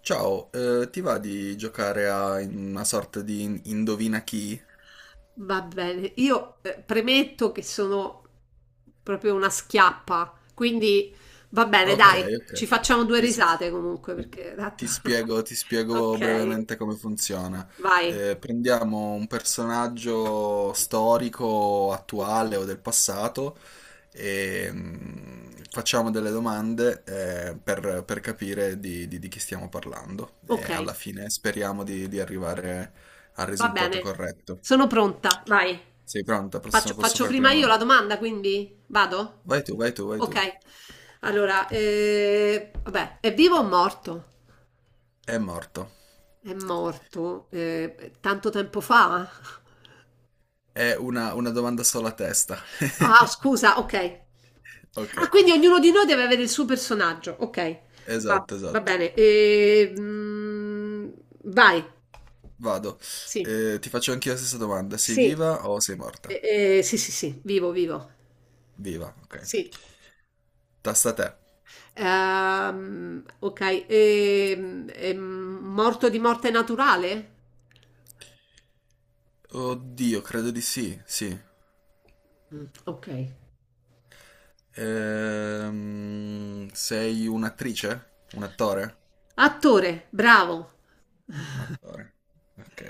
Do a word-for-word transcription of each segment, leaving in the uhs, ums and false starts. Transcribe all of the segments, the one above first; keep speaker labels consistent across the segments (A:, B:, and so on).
A: Ciao, eh, ti va di giocare a una sorta di indovina chi?
B: Va bene, io eh, premetto che sono proprio una schiappa, quindi va bene. Eh,
A: Ok,
B: dai,
A: ok.
B: ci facciamo due
A: Ti, s-
B: risate comunque perché tanto...
A: ti spiego, ti spiego
B: Ok,
A: brevemente come funziona.
B: vai.
A: Eh, prendiamo un personaggio storico,
B: Ok,
A: attuale o del passato e mm, facciamo delle domande eh, per, per capire di, di- di chi stiamo parlando.
B: ok,
A: E alla fine speriamo di, di arrivare al
B: va
A: risultato
B: bene,
A: corretto.
B: sono pronta, vai.
A: Sei pronta?
B: Faccio,
A: Prossimo- posso
B: faccio
A: farti una
B: prima io la
A: domanda?
B: domanda, quindi vado?
A: Vai tu, vai tu, vai tu.
B: Ok, allora, eh, vabbè, è vivo o morto?
A: È morto.
B: È morto eh, tanto tempo fa?
A: È una, una domanda sola a testa.
B: Ah, scusa, ok.
A: Ok,
B: Ah, quindi ognuno di noi deve avere il suo personaggio. Ok, va,
A: esatto,
B: va
A: esatto.
B: bene. E, mm, vai.
A: Vado.
B: Sì.
A: Eh, ti faccio anch'io la stessa domanda. Sei
B: Sì.
A: viva o sei morta?
B: E- e- sì, sì, sì, vivo, vivo.
A: Viva, ok.
B: Sì.
A: Tasta a te.
B: Ehm, ok. E- e morto di morte naturale?
A: Oddio, credo di sì, sì.
B: Mm, ok.
A: Ehm, sei un'attrice? Un attore?
B: Attore, bravo.
A: Attore. Ok.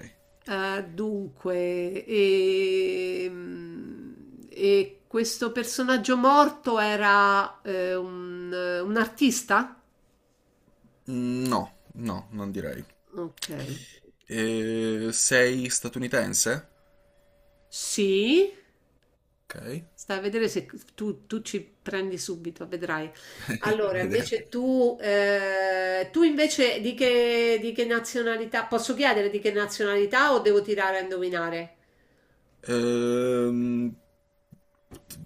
B: Eh, dunque, ehm, e questo personaggio morto era eh, un, un artista?
A: Mm, No, no, non direi.
B: Ok,
A: Eh, sei statunitense?
B: sì,
A: Ok.
B: stai a vedere se tu, tu ci prendi subito, vedrai. Allora,
A: Vediamo.
B: invece tu, eh, tu invece di che, di che nazionalità, posso chiedere di che nazionalità o devo tirare a indovinare?
A: Ehm,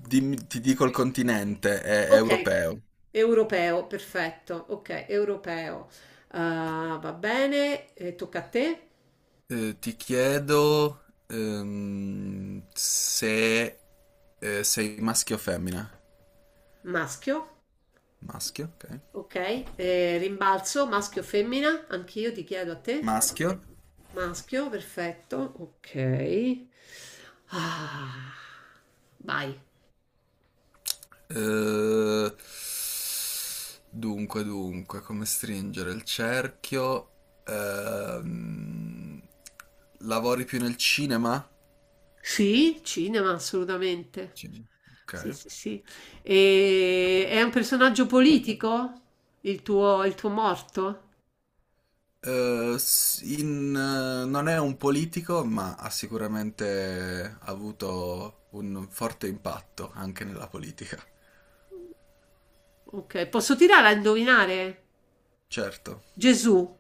A: Dimmi- ti dico il continente, è, è
B: Ok,
A: europeo.
B: europeo, perfetto, ok, europeo. Ah, va bene, eh, tocca a te,
A: Eh, ti chiedo ehm, se eh, sei maschio o femmina.
B: maschio,
A: Maschio, ok.
B: ok. Eh, rimbalzo, maschio o femmina, anch'io ti chiedo a te,
A: Maschio.
B: maschio, perfetto, ok. Ah, vai.
A: Eh, dunque, dunque, come stringere il cerchio? Ehm, lavori più nel cinema?
B: Sì, cinema, assolutamente.
A: Cinema. Ok.
B: Sì, sì, sì. E è un personaggio politico? Il tuo, il tuo morto?
A: Eh, s- in, eh, non è un politico, ma ha sicuramente avuto un forte impatto anche nella politica.
B: Ok, posso tirare a indovinare?
A: Certo.
B: Gesù.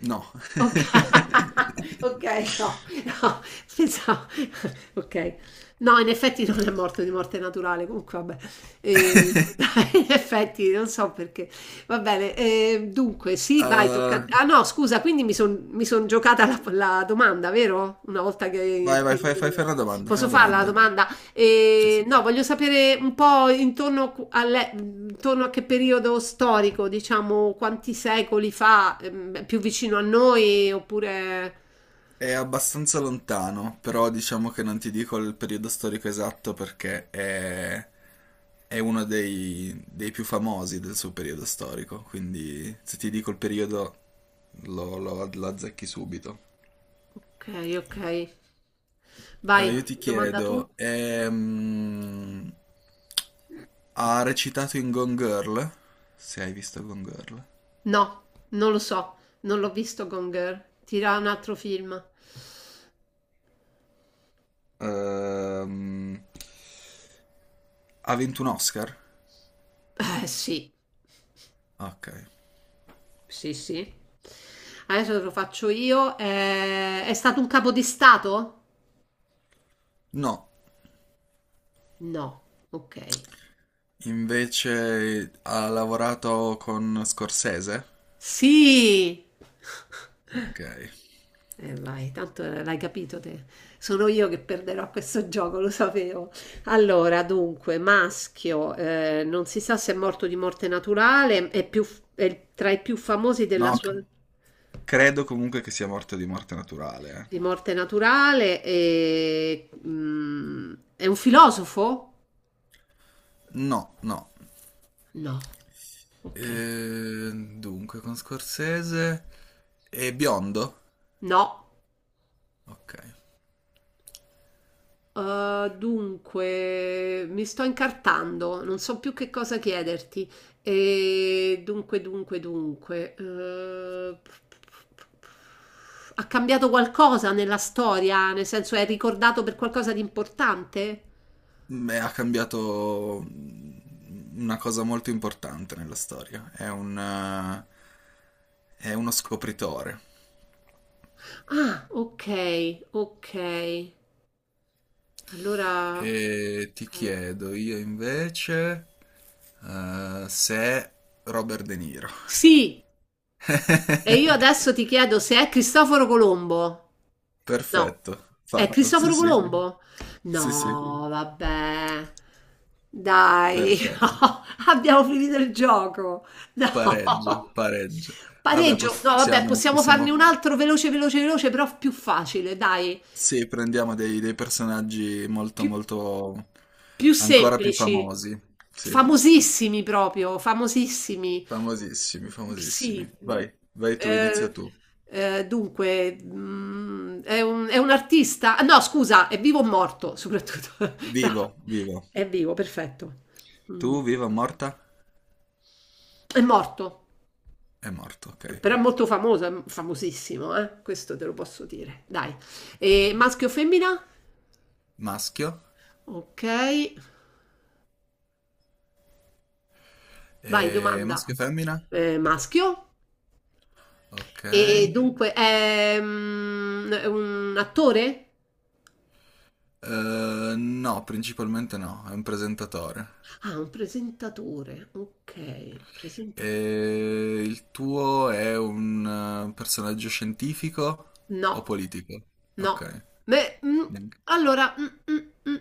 A: No.
B: Oka okay, no, no, pensavo okay. No, in effetti non è morto di morte naturale, comunque vabbè. Ehm, in effetti non so perché. Va bene, ehm, dunque sì, vai, tocca a t
A: Eh,
B: ah no scusa, quindi mi son mi son giocata la p la domanda, vero? Una volta
A: vai,
B: che
A: vai, fai, fai, fai una domanda, fai
B: posso
A: una
B: farla la
A: domanda.
B: domanda?
A: Sì, sì.
B: E, no, voglio sapere un po' intorno, alle- intorno a che periodo storico, diciamo, quanti secoli fa, ehm, più vicino a noi, oppure...
A: È abbastanza lontano, però diciamo che non ti dico il periodo storico esatto perché è, è uno dei, dei più famosi del suo periodo storico, quindi se ti dico il periodo lo, lo- lo azzecchi subito.
B: Ok, ok. Vai,
A: Eh, io ti
B: domanda tu?
A: chiedo, ehm, ha recitato in Gone Girl? Se hai visto Gone Girl.
B: No, non lo so, non l'ho visto Gone Girl. Tira un altro film.
A: Ehm, ha vinto un Oscar?
B: Eh sì,
A: Ok.
B: sì, sì. Adesso te lo faccio io. Eh, è stato un capo di stato?
A: No.
B: No, ok.
A: Invece ha lavorato con Scorsese?
B: Sì!
A: Ok.
B: Eh vai, tanto l'hai capito te. Sono io che perderò a questo gioco, lo sapevo. Allora, dunque, maschio, eh, non si sa se è morto di morte naturale, è, più- è tra i più famosi della
A: No, c-
B: sua
A: credo comunque che sia morto di morte naturale.
B: di morte naturale e, mm, è un filosofo?
A: eh. No, no.
B: No. Ok.
A: Eh, dunque, con Scorsese è biondo?
B: No.
A: Ok.
B: Uh, dunque, mi sto incartando, non so più che cosa chiederti. E dunque, dunque, dunque. Eh, ha cambiato qualcosa nella storia? Nel senso, è ricordato per qualcosa di importante?
A: Beh, ha cambiato mm, una cosa molto importante nella storia. È un, eh, è uno scopritore.
B: Ah, ok, ok. Allora,
A: E ti
B: ok.
A: chiedo io invece eh, se Robert De Niro.
B: Sì, e io adesso ti chiedo se è Cristoforo Colombo. No.
A: Perfetto,
B: È
A: fatto. Sì,
B: Cristoforo
A: sì,
B: Colombo? Mhm.
A: sì, sì,
B: No, vabbè. Dai,
A: perfetto.
B: no, abbiamo finito il gioco. No.
A: Pareggio, pareggio. Vabbè,
B: Pareggio. No, vabbè,
A: possiamo,
B: possiamo farne
A: possiamo...
B: un altro veloce, veloce, veloce, però più facile, dai.
A: Sì, prendiamo dei, dei personaggi molto,
B: Più
A: molto.
B: Più
A: Ancora più
B: semplici,
A: famosi. Sì,
B: famosissimi proprio, famosissimi.
A: famosissimi,
B: Mhmm,
A: famosissimi.
B: sì, mhmm,
A: Vai, vai tu, inizia
B: ehm,
A: tu.
B: ehm, dunque, mhmm, è un è un artista ah no scusa, è vivo o morto soprattutto. No.
A: Vivo, vivo.
B: È vivo, perfetto.
A: Tu,
B: Mh,
A: viva, morta?
B: è morto,
A: È morto, ok.
B: però è molto famoso, è famosissimo, eh, questo te lo posso dire, dai.
A: Ok.
B: Ehm, maschio o femmina?
A: Maschio?
B: Okay, vai
A: E
B: domanda.
A: maschio e femmina?
B: Ehm, maschio.
A: Ok.
B: E dunque è mm, è un attore?
A: Eh, no, principalmente no, è un presentatore.
B: Ah, un presentatore. Ok, presentatore.
A: E il tuo è un eh, personaggio scientifico o
B: No,
A: politico?
B: no.
A: Ok,
B: Beh, mm,
A: neanche.
B: allora, mm, mm, mm,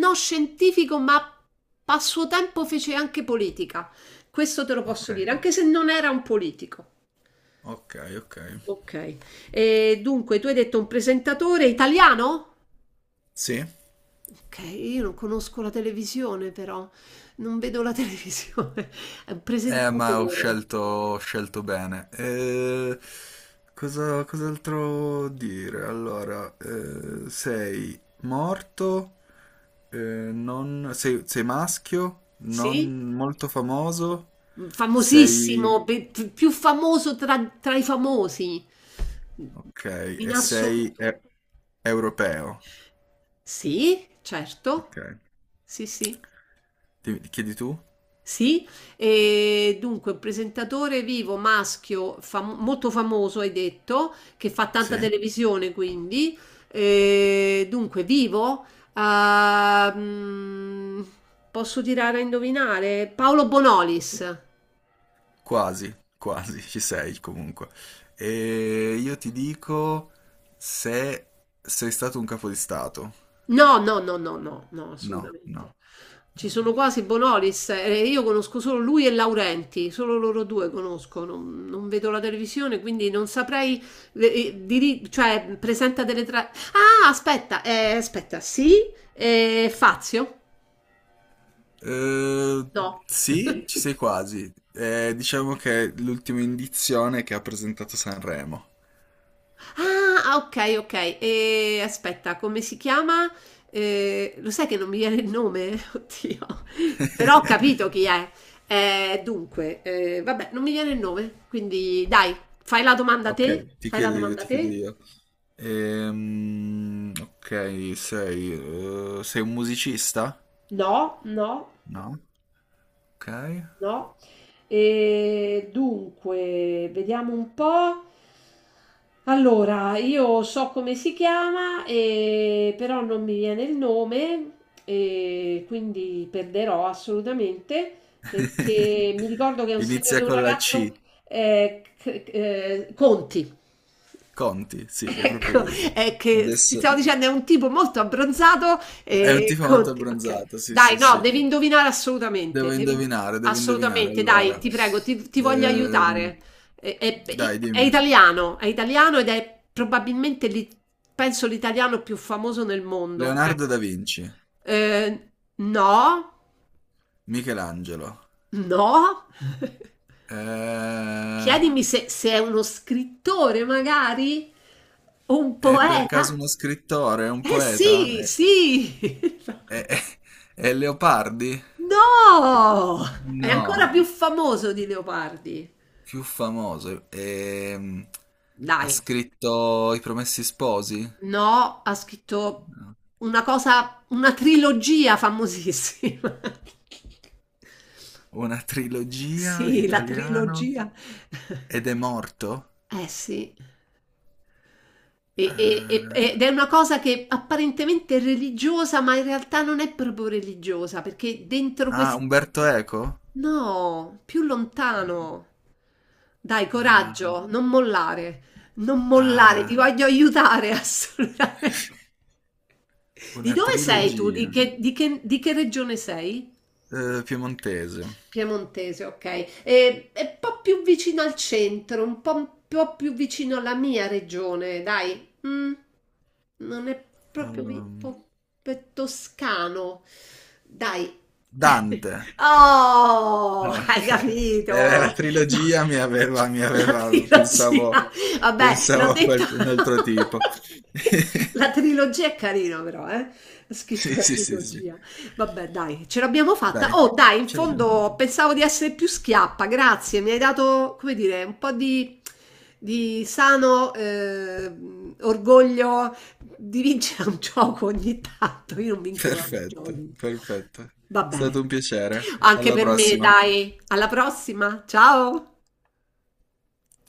B: no scientifico, ma a suo tempo fece anche politica. Questo te lo
A: Ok,
B: posso dire, anche se non era un politico.
A: ok, ok.
B: Ok. E dunque, tu hai detto un presentatore italiano?
A: Sì?
B: Ok, io non conosco la televisione però, non vedo la televisione. È un
A: Eh, ma ho
B: presentatore.
A: scelto, ho scelto bene. Eh, cosa, cos'altro dire? Allora, eh, sei morto, eh, non- sei, sei maschio,
B: Sì?
A: non molto famoso,
B: Mhmm,
A: sei.
B: famosissimo, pe p più famoso tra tra i famosi,
A: Ok,
B: in
A: e sei
B: assoluto.
A: e- europeo.
B: Sì, certo.
A: Ok.
B: Sì, sì.
A: Ti- ti chiedi tu?
B: Sì, e dunque un presentatore vivo maschio fam- molto famoso, hai detto, che fa tanta
A: Sì?
B: televisione quindi. E dunque vivo, ah, mm, posso tirare a indovinare? Paolo Bonolis.
A: Quasi, quasi, ci sei comunque. E io ti dico se sei stato un capo di stato.
B: No, no, no, no, no, no,
A: No,
B: assolutamente.
A: no.
B: Ci sono quasi Bonolis, eh, io conosco solo lui e Laurenti, solo loro due conosco, non, non vedo la televisione, quindi non saprei, eh, diri- cioè, presenta delle tra... Ah, aspetta, eh, aspetta, sì, eh, Fazio?
A: Eh,
B: No.
A: sì, ci sei quasi. Eh, diciamo che è l'ultima indizione che ha presentato Sanremo.
B: Ah, ah, ok, ok. E aspetta, come si chiama? Eh, lo sai che non mi viene il nome? Oddio. Però ho capito chi è. Eh, dunque, eh, vabbè, non mi viene il nome. Quindi dai, fai la domanda a
A: Ok,
B: te.
A: ti
B: Fai la
A: chiedo io,
B: domanda a
A: ti chiedo
B: te.
A: io. Ehm, ok, sei, eh, sei un musicista?
B: No, no.
A: No? Ok.
B: No. E dunque, vediamo un po'. Allora, io so come si chiama, e- però non mi viene il nome, e quindi perderò assolutamente perché mi ricordo che è un, signor- è
A: Inizia
B: un
A: con la C.
B: ragazzo eh, c- eh, Conti.
A: Conti, sì, è proprio
B: Ecco,
A: lui.
B: è che ti stavo
A: Adesso
B: dicendo è un tipo molto abbronzato
A: è un
B: e
A: tipo molto
B: Conti okay.
A: abbronzato, sì,
B: Dai,
A: sì,
B: no,
A: sì.
B: devi indovinare assolutamente,
A: Devo
B: devi
A: indovinare, devo indovinare.
B: assolutamente, dai,
A: Allora,
B: ti prego, ti, ti voglio
A: ehm,
B: aiutare. È, è-
A: dai,
B: è
A: dimmi.
B: italiano, è italiano ed è probabilmente, l'i- penso, l'italiano più famoso nel mondo. Ecco.
A: Leonardo da Vinci,
B: Eh, no,
A: Michelangelo.
B: no.
A: Eh,
B: Chiedimi se, se è uno scrittore, magari, o un
A: è per caso
B: poeta.
A: uno scrittore, un
B: Eh
A: poeta?
B: sì,
A: È,
B: sì!
A: è- è- è Leopardi?
B: No! È ancora
A: No.
B: più famoso di Leopardi.
A: Più famoso. ehm, ha
B: Dai,
A: scritto I Promessi Sposi?
B: no, ha scritto
A: No.
B: una cosa, una trilogia famosissima.
A: Una trilogia
B: Sì, la
A: italiano.
B: trilogia.
A: Ed è morto?
B: Eh sì.
A: Eh,
B: E- e- e- ed è una cosa che apparentemente è religiosa, ma in realtà non è proprio religiosa, perché dentro
A: ah,
B: questo...
A: Umberto Eco?
B: No, più lontano. Dai,
A: Eh,
B: coraggio, non mollare, non mollare, ti
A: ah,
B: voglio aiutare assolutamente. Di
A: una
B: dove sei tu? Di
A: trilogia.
B: che, di che- di che regione sei?
A: Eh, piemontese.
B: Piemontese, ok. E- È un po' più vicino al centro, un po', un po' più vicino alla mia regione, dai. Mm. Non è proprio mi-
A: Ehm,
B: po- pe- toscano. Dai.
A: Dante.
B: Oh,
A: Ah,
B: hai
A: ok. Eh, La
B: capito? No,
A: trilogia mi aveva, mi
B: la
A: aveva, pensavo,
B: trilogia, vabbè, l'ho
A: pensavo a
B: detto.
A: qualche- un altro tipo.
B: La trilogia è carina però, eh? Ha scritto
A: Sì,
B: la
A: sì, sì, sì.
B: trilogia. Vabbè, dai, ce l'abbiamo fatta.
A: Dai,
B: Oh, dai, in
A: ce l'abbiamo fatta.
B: fondo pensavo di essere più schiappa, grazie. Mi hai dato, come dire, un po' di, di sano eh, orgoglio di vincere un gioco ogni tanto. Io non vinco mai i
A: Perfetto,
B: giochi.
A: perfetto. È
B: Va bene,
A: stato un piacere.
B: anche
A: Alla
B: per me,
A: prossima.
B: dai. Alla prossima, ciao!